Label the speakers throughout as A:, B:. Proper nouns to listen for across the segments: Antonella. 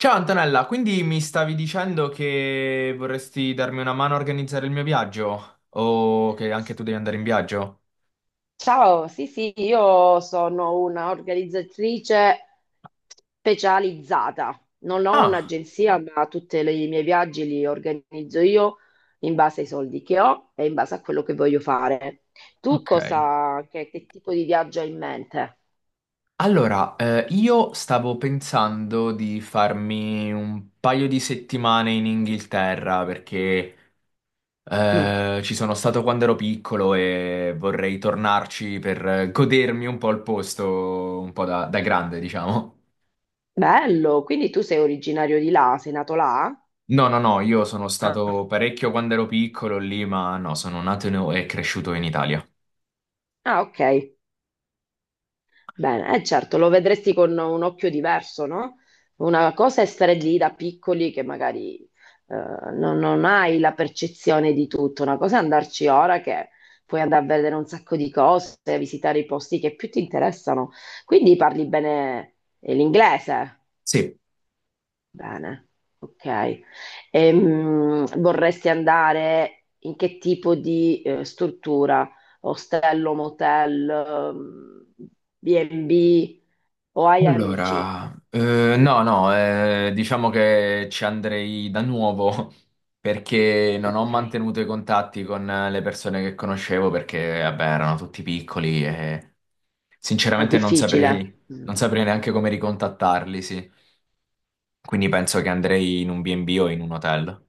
A: Ciao Antonella, quindi mi stavi dicendo che vorresti darmi una mano a organizzare il mio viaggio? O che anche tu devi andare in viaggio?
B: Ciao, sì, sì, io sono una organizzatrice specializzata. Non ho
A: Ah,
B: un'agenzia, ma tutti i miei viaggi li organizzo io in base ai soldi che ho e in base a quello che voglio fare. Tu
A: ok.
B: cosa, che tipo di viaggio hai in mente?
A: Allora, io stavo pensando di farmi un paio di settimane in Inghilterra perché
B: Mm,
A: ci sono stato quando ero piccolo e vorrei tornarci per godermi un po' il posto, un po' da grande, diciamo.
B: Bello, quindi tu sei originario di là, sei nato là?
A: No, no, no, io sono
B: Ah,
A: stato parecchio quando ero piccolo lì, ma no, sono nato e cresciuto in Italia.
B: ah, ok. Bene, certo, lo vedresti con un occhio diverso, no? Una cosa è stare lì da piccoli che magari eh, non hai la percezione di tutto, una cosa è andarci ora che puoi andare a vedere un sacco di cose, visitare i posti che più ti interessano. Quindi parli bene l'inglese?
A: Sì,
B: Bene, ok. Vorresti andare in che tipo di struttura? Ostello, motel, B&B? O hai amici?
A: allora, no, no, diciamo che ci andrei da nuovo perché non ho
B: Ok,
A: mantenuto i contatti con le persone che conoscevo perché, vabbè, erano tutti piccoli e
B: è
A: sinceramente non
B: difficile.
A: saprei,
B: Mm.
A: non saprei neanche come ricontattarli, sì. Quindi penso che andrei in un B&B o in un hotel.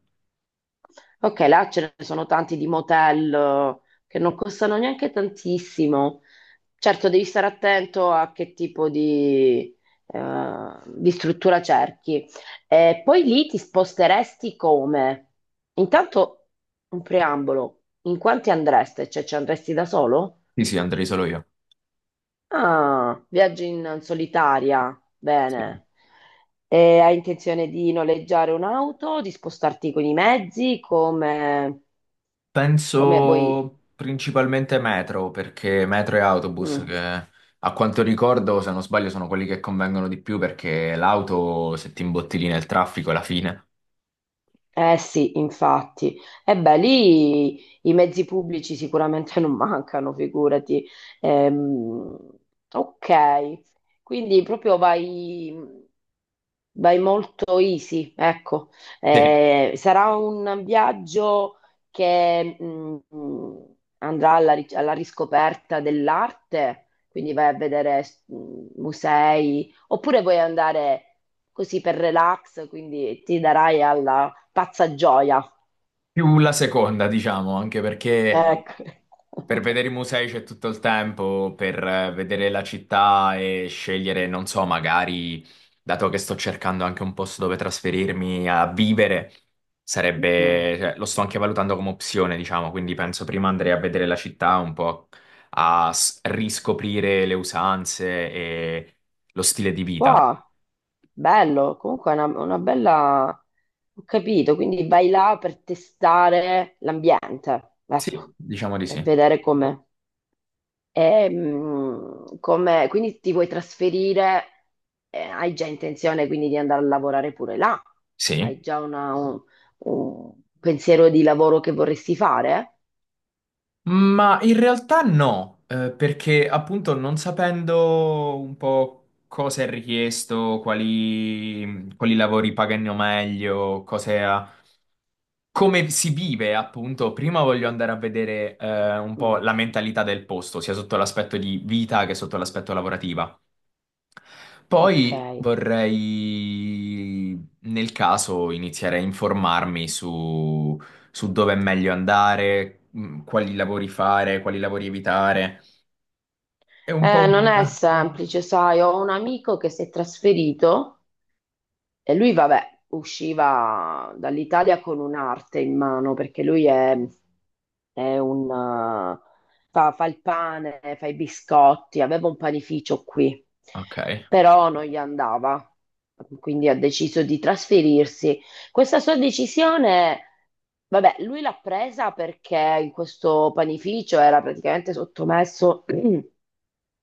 B: Ok, là ce ne sono tanti di motel che non costano neanche tantissimo. Certo, devi stare attento a che tipo di struttura cerchi. E poi lì ti sposteresti come? Intanto un preambolo, in quanti andreste? Cioè ci andresti da solo?
A: Sì, sì, andrei solo io.
B: Ah, viaggi in solitaria,
A: Sì.
B: bene. E hai intenzione di noleggiare un'auto, di spostarti con i mezzi, come vuoi?
A: Penso principalmente metro, perché metro e autobus,
B: Mm.
A: che a quanto ricordo, se non sbaglio, sono quelli che convengono di più, perché l'auto, se ti imbottigli nel traffico, è la fine.
B: Eh sì, infatti. E beh, lì i mezzi pubblici sicuramente non mancano, figurati. Ehm, ok, quindi proprio vai. Vai molto easy, ecco.
A: Sì.
B: Sarà un viaggio che andrà alla riscoperta dell'arte, quindi vai a vedere musei, oppure vuoi andare così per relax, quindi ti darai alla pazza gioia.
A: Più la seconda, diciamo, anche perché
B: Ecco.
A: per vedere i musei c'è tutto il tempo, per vedere la città e scegliere, non so, magari, dato che sto cercando anche un posto dove trasferirmi a vivere,
B: Mm.
A: sarebbe, cioè, lo sto anche valutando come opzione, diciamo, quindi penso prima andrei a vedere la città un po' riscoprire le usanze e lo stile di vita.
B: Wow, bello, comunque è una bella. Ho capito, quindi vai là per testare l'ambiente, ecco,
A: Sì, diciamo di
B: per
A: sì.
B: vedere com'è. E, quindi ti vuoi trasferire, hai già intenzione quindi di andare a lavorare pure là?
A: Sì.
B: Hai già un pensiero di lavoro che vorresti fare?
A: Ma in realtà no, perché appunto non sapendo un po' cosa è richiesto, quali lavori pagano meglio, come si vive appunto, prima voglio andare a vedere un po'
B: Mm,
A: la mentalità del posto, sia sotto l'aspetto di vita che sotto l'aspetto lavorativa.
B: ok.
A: Poi vorrei, nel caso, iniziare a informarmi su, su dove è meglio andare, quali lavori fare, quali lavori evitare. È un po'
B: Non
A: un...
B: è semplice, sai, ho un amico che si è trasferito. E lui, vabbè, usciva dall'Italia con un'arte in mano perché lui è fa il pane, fa i biscotti, aveva un panificio qui,
A: Ok,
B: però non gli andava, quindi ha deciso di trasferirsi. Questa sua decisione, vabbè, lui l'ha presa perché in questo panificio era praticamente sottomesso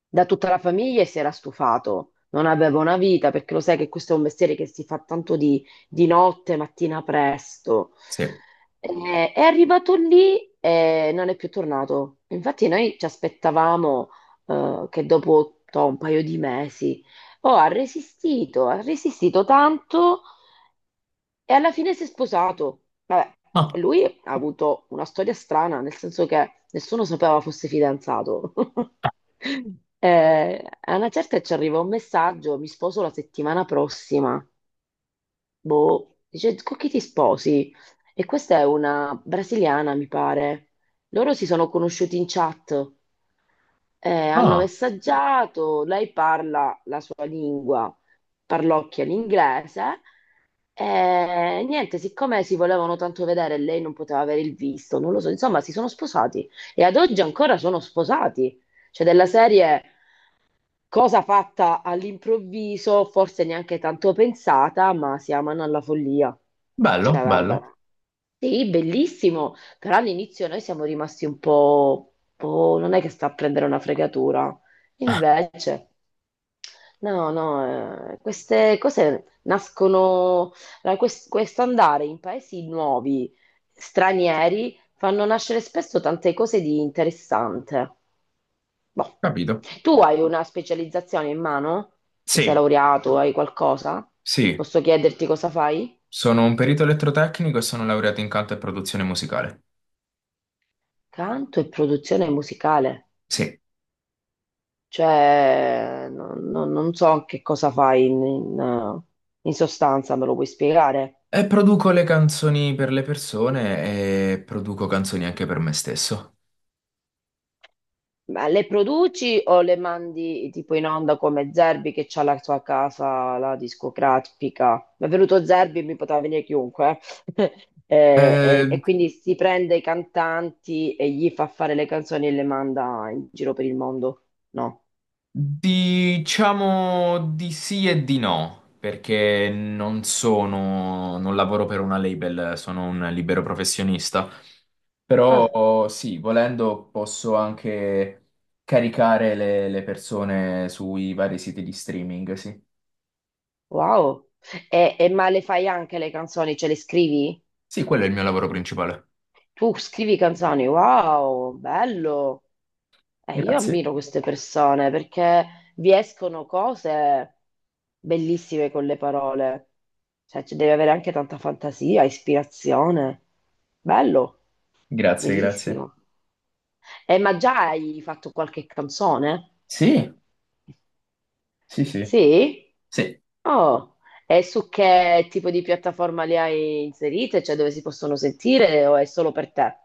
B: da tutta la famiglia e si era stufato. Non aveva una vita perché lo sai che questo è un mestiere che si fa tanto di notte, mattina presto.
A: sì.
B: È arrivato lì e non è più tornato. Infatti noi ci aspettavamo che dopo toh, un paio di mesi, oh, ha resistito tanto e alla fine si è sposato. Vabbè,
A: Ah,
B: lui ha avuto una storia strana, nel senso che nessuno sapeva fosse fidanzato. A una certa ci arriva un messaggio, mi sposo la settimana prossima. Boh, dice, con chi ti sposi? E questa è una brasiliana, mi pare. Loro si sono conosciuti in chat. Hanno
A: ah,
B: messaggiato, lei parla la sua lingua, parlocchia l'inglese. E niente, siccome si volevano tanto vedere e lei non poteva avere il visto, non lo so, insomma, si sono sposati e ad oggi ancora sono sposati. Cioè, della serie cosa fatta all'improvviso, forse neanche tanto pensata, ma si amano alla follia.
A: bello,
B: Cioè, guarda.
A: bello,
B: Sì, bellissimo, però all'inizio noi siamo rimasti un po', "Oh, non è che sta a prendere una fregatura. Invece, no, no, queste cose nascono, allora, questo andare in paesi nuovi, stranieri, fanno nascere spesso tante cose di interessante. Boh.
A: capito.
B: Tu hai una specializzazione in mano? Se sei
A: Sì,
B: laureato, hai qualcosa?
A: sì,
B: Posso chiederti cosa fai?
A: sono un perito elettrotecnico e sono laureato in canto e produzione musicale.
B: Canto e produzione musicale.
A: Sì,
B: Cioè, non so che cosa fai in, in sostanza, me lo puoi spiegare?
A: e produco le canzoni per le persone e produco canzoni anche per me stesso.
B: Ma le produci o le mandi tipo in onda come Zerbi che c'ha la sua casa, la discografica? Mi è venuto Zerbi, e mi poteva venire chiunque. eh. E, e-
A: Eh,
B: e quindi si prende i cantanti e gli fa fare le canzoni e le manda in giro per il mondo? No.
A: Diciamo di sì e di no, perché non lavoro per una label, sono un libero professionista.
B: Ah,
A: Però sì, volendo posso anche caricare le persone sui vari siti di streaming, sì.
B: wow. E ma le fai anche le canzoni, ce le scrivi?
A: Sì, quello è il mio lavoro principale.
B: Tu scrivi canzoni, wow, bello. Io
A: Grazie,
B: ammiro queste persone perché vi escono cose bellissime con le parole. Cioè, ci devi avere anche tanta fantasia, ispirazione. Bello,
A: grazie, grazie.
B: bellissimo. Ma già hai fatto qualche canzone?
A: Sì, sì, sì.
B: Sì?
A: Sì.
B: Oh, e su che tipo di piattaforma le hai inserite? Cioè, dove si possono sentire o è solo per te?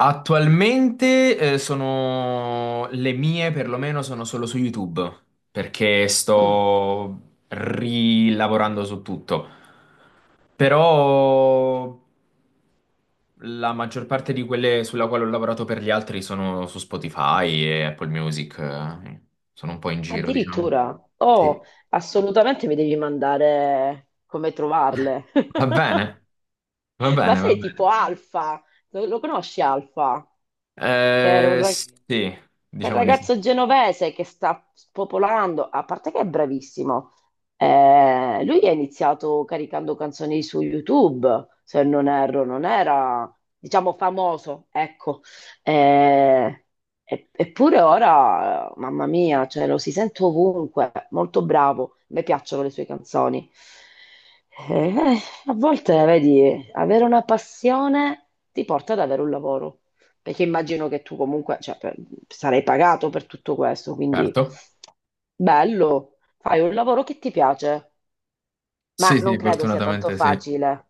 A: Attualmente sono le mie, perlomeno sono solo su YouTube, perché
B: Mm.
A: sto rilavorando su tutto. Però la maggior parte di quelle sulla quale ho lavorato per gli altri sono su Spotify e Apple Music, sono un po' in giro, diciamo.
B: Addirittura, oh,
A: Sì.
B: assolutamente mi devi mandare come trovarle.
A: Va bene, va
B: Ma
A: bene, va
B: sei
A: bene.
B: tipo Alfa, lo conosci Alfa? Che era un,
A: Eh
B: ra- Quindi,
A: sì,
B: quel
A: diciamo di sì,
B: ragazzo genovese che sta spopolando, a parte che è bravissimo. Lui ha iniziato caricando canzoni su YouTube, se non erro, non era, diciamo, famoso, ecco. Eh, Eppure ora, mamma mia, cioè, lo si sente ovunque, molto bravo, mi piacciono le sue canzoni. Eh, A volte, vedi, avere una passione ti porta ad avere un lavoro. Perché immagino che tu comunque, cioè, sarai pagato per tutto questo, quindi
A: certo.
B: bello, fai un lavoro che ti piace, ma
A: Sì,
B: non
A: sì,
B: credo sia tanto
A: fortunatamente sì.
B: facile,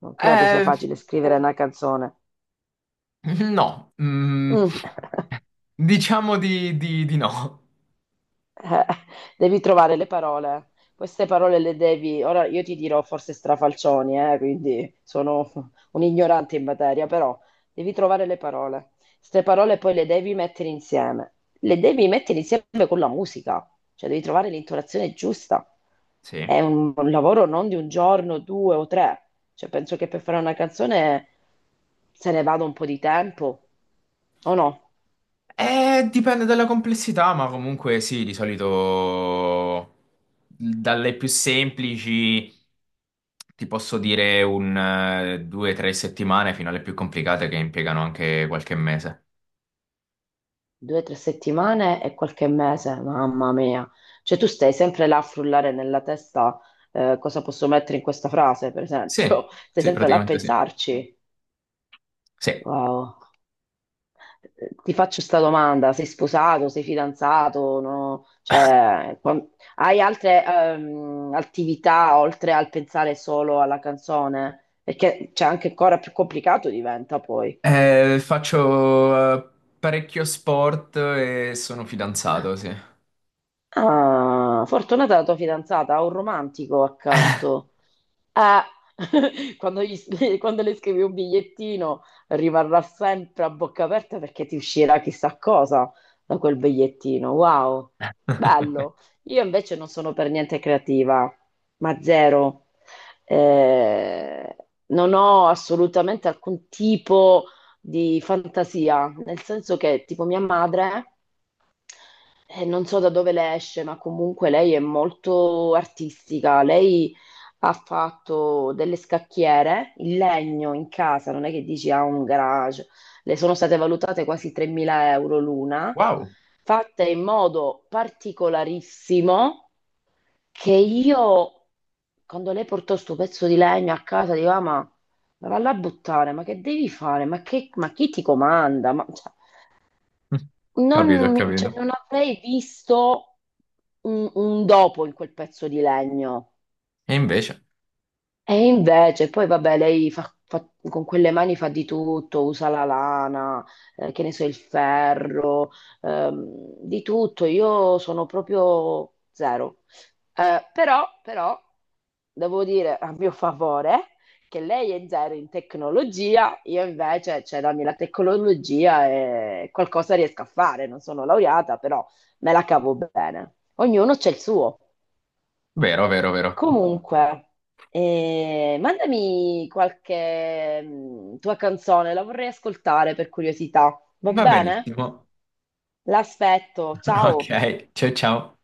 B: non credo sia
A: Eh,
B: facile scrivere una canzone.
A: no, mm,
B: Mm.
A: diciamo di no.
B: Eh, Devi trovare le parole. Queste parole le devi. Ora io ti dirò forse strafalcioni, quindi sono un ignorante in materia, però devi trovare le parole. Queste parole poi le devi mettere insieme. Le devi mettere insieme con la musica, cioè devi trovare l'intonazione giusta. È
A: Sì.
B: un lavoro non di un giorno, due o tre. Cioè, penso che per fare una canzone se ne vada un po' di tempo, o no?
A: Dipende dalla complessità, ma comunque sì, di solito dalle più semplici ti posso dire un 2 o 3 settimane fino alle più complicate che impiegano anche qualche mese.
B: Due o tre settimane e qualche mese, mamma mia. Cioè tu stai sempre là a frullare nella testa cosa posso mettere in questa frase, per
A: Sì,
B: esempio. Stai
A: sì,
B: sempre là a
A: praticamente sì.
B: pensarci.
A: Sì.
B: Wow. Ti faccio questa domanda, sei sposato, sei fidanzato, no? Cioè, hai altre attività oltre al pensare solo alla canzone? Perché c'è anche ancora più complicato diventa poi.
A: Faccio parecchio sport e sono fidanzato, sì.
B: Ah, fortunata la tua fidanzata, ha un romantico accanto. Quando le scrivi un bigliettino rimarrà sempre a bocca aperta perché ti uscirà chissà cosa da quel bigliettino. Wow, bello. Io invece non sono per niente creativa, ma zero. Eh, Non ho assolutamente alcun tipo di fantasia, nel senso che tipo mia madre non so da dove le esce, ma comunque lei è molto artistica. Lei ha fatto delle scacchiere in legno in casa, non è che dici ha un garage. Le sono state valutate quasi 3.000 euro l'una,
A: Wow.
B: fatte in modo particolarissimo che io, quando lei portò sto pezzo di legno a casa, dico, "Ah, ma valla a buttare, ma che devi fare? Ma, che- ma chi ti comanda? Ma, cioè,
A: Capito, ho
B: non, cioè,
A: capito.
B: non avrei visto un dopo in quel pezzo di legno.
A: E invece,
B: E invece, poi vabbè, lei con quelle mani fa di tutto, usa la lana, che ne so, il ferro, di tutto. Io sono proprio zero. Però, devo dire a mio favore che lei è zero in tecnologia, io invece, cioè, dammi la tecnologia e qualcosa riesco a fare. Non sono laureata, però me la cavo bene. Ognuno c'è il suo.
A: vero, vero, vero.
B: Comunque, mandami qualche tua canzone, la vorrei ascoltare per curiosità. Va
A: Va
B: bene?
A: benissimo.
B: L'aspetto,
A: Ok,
B: ciao!
A: ciao ciao.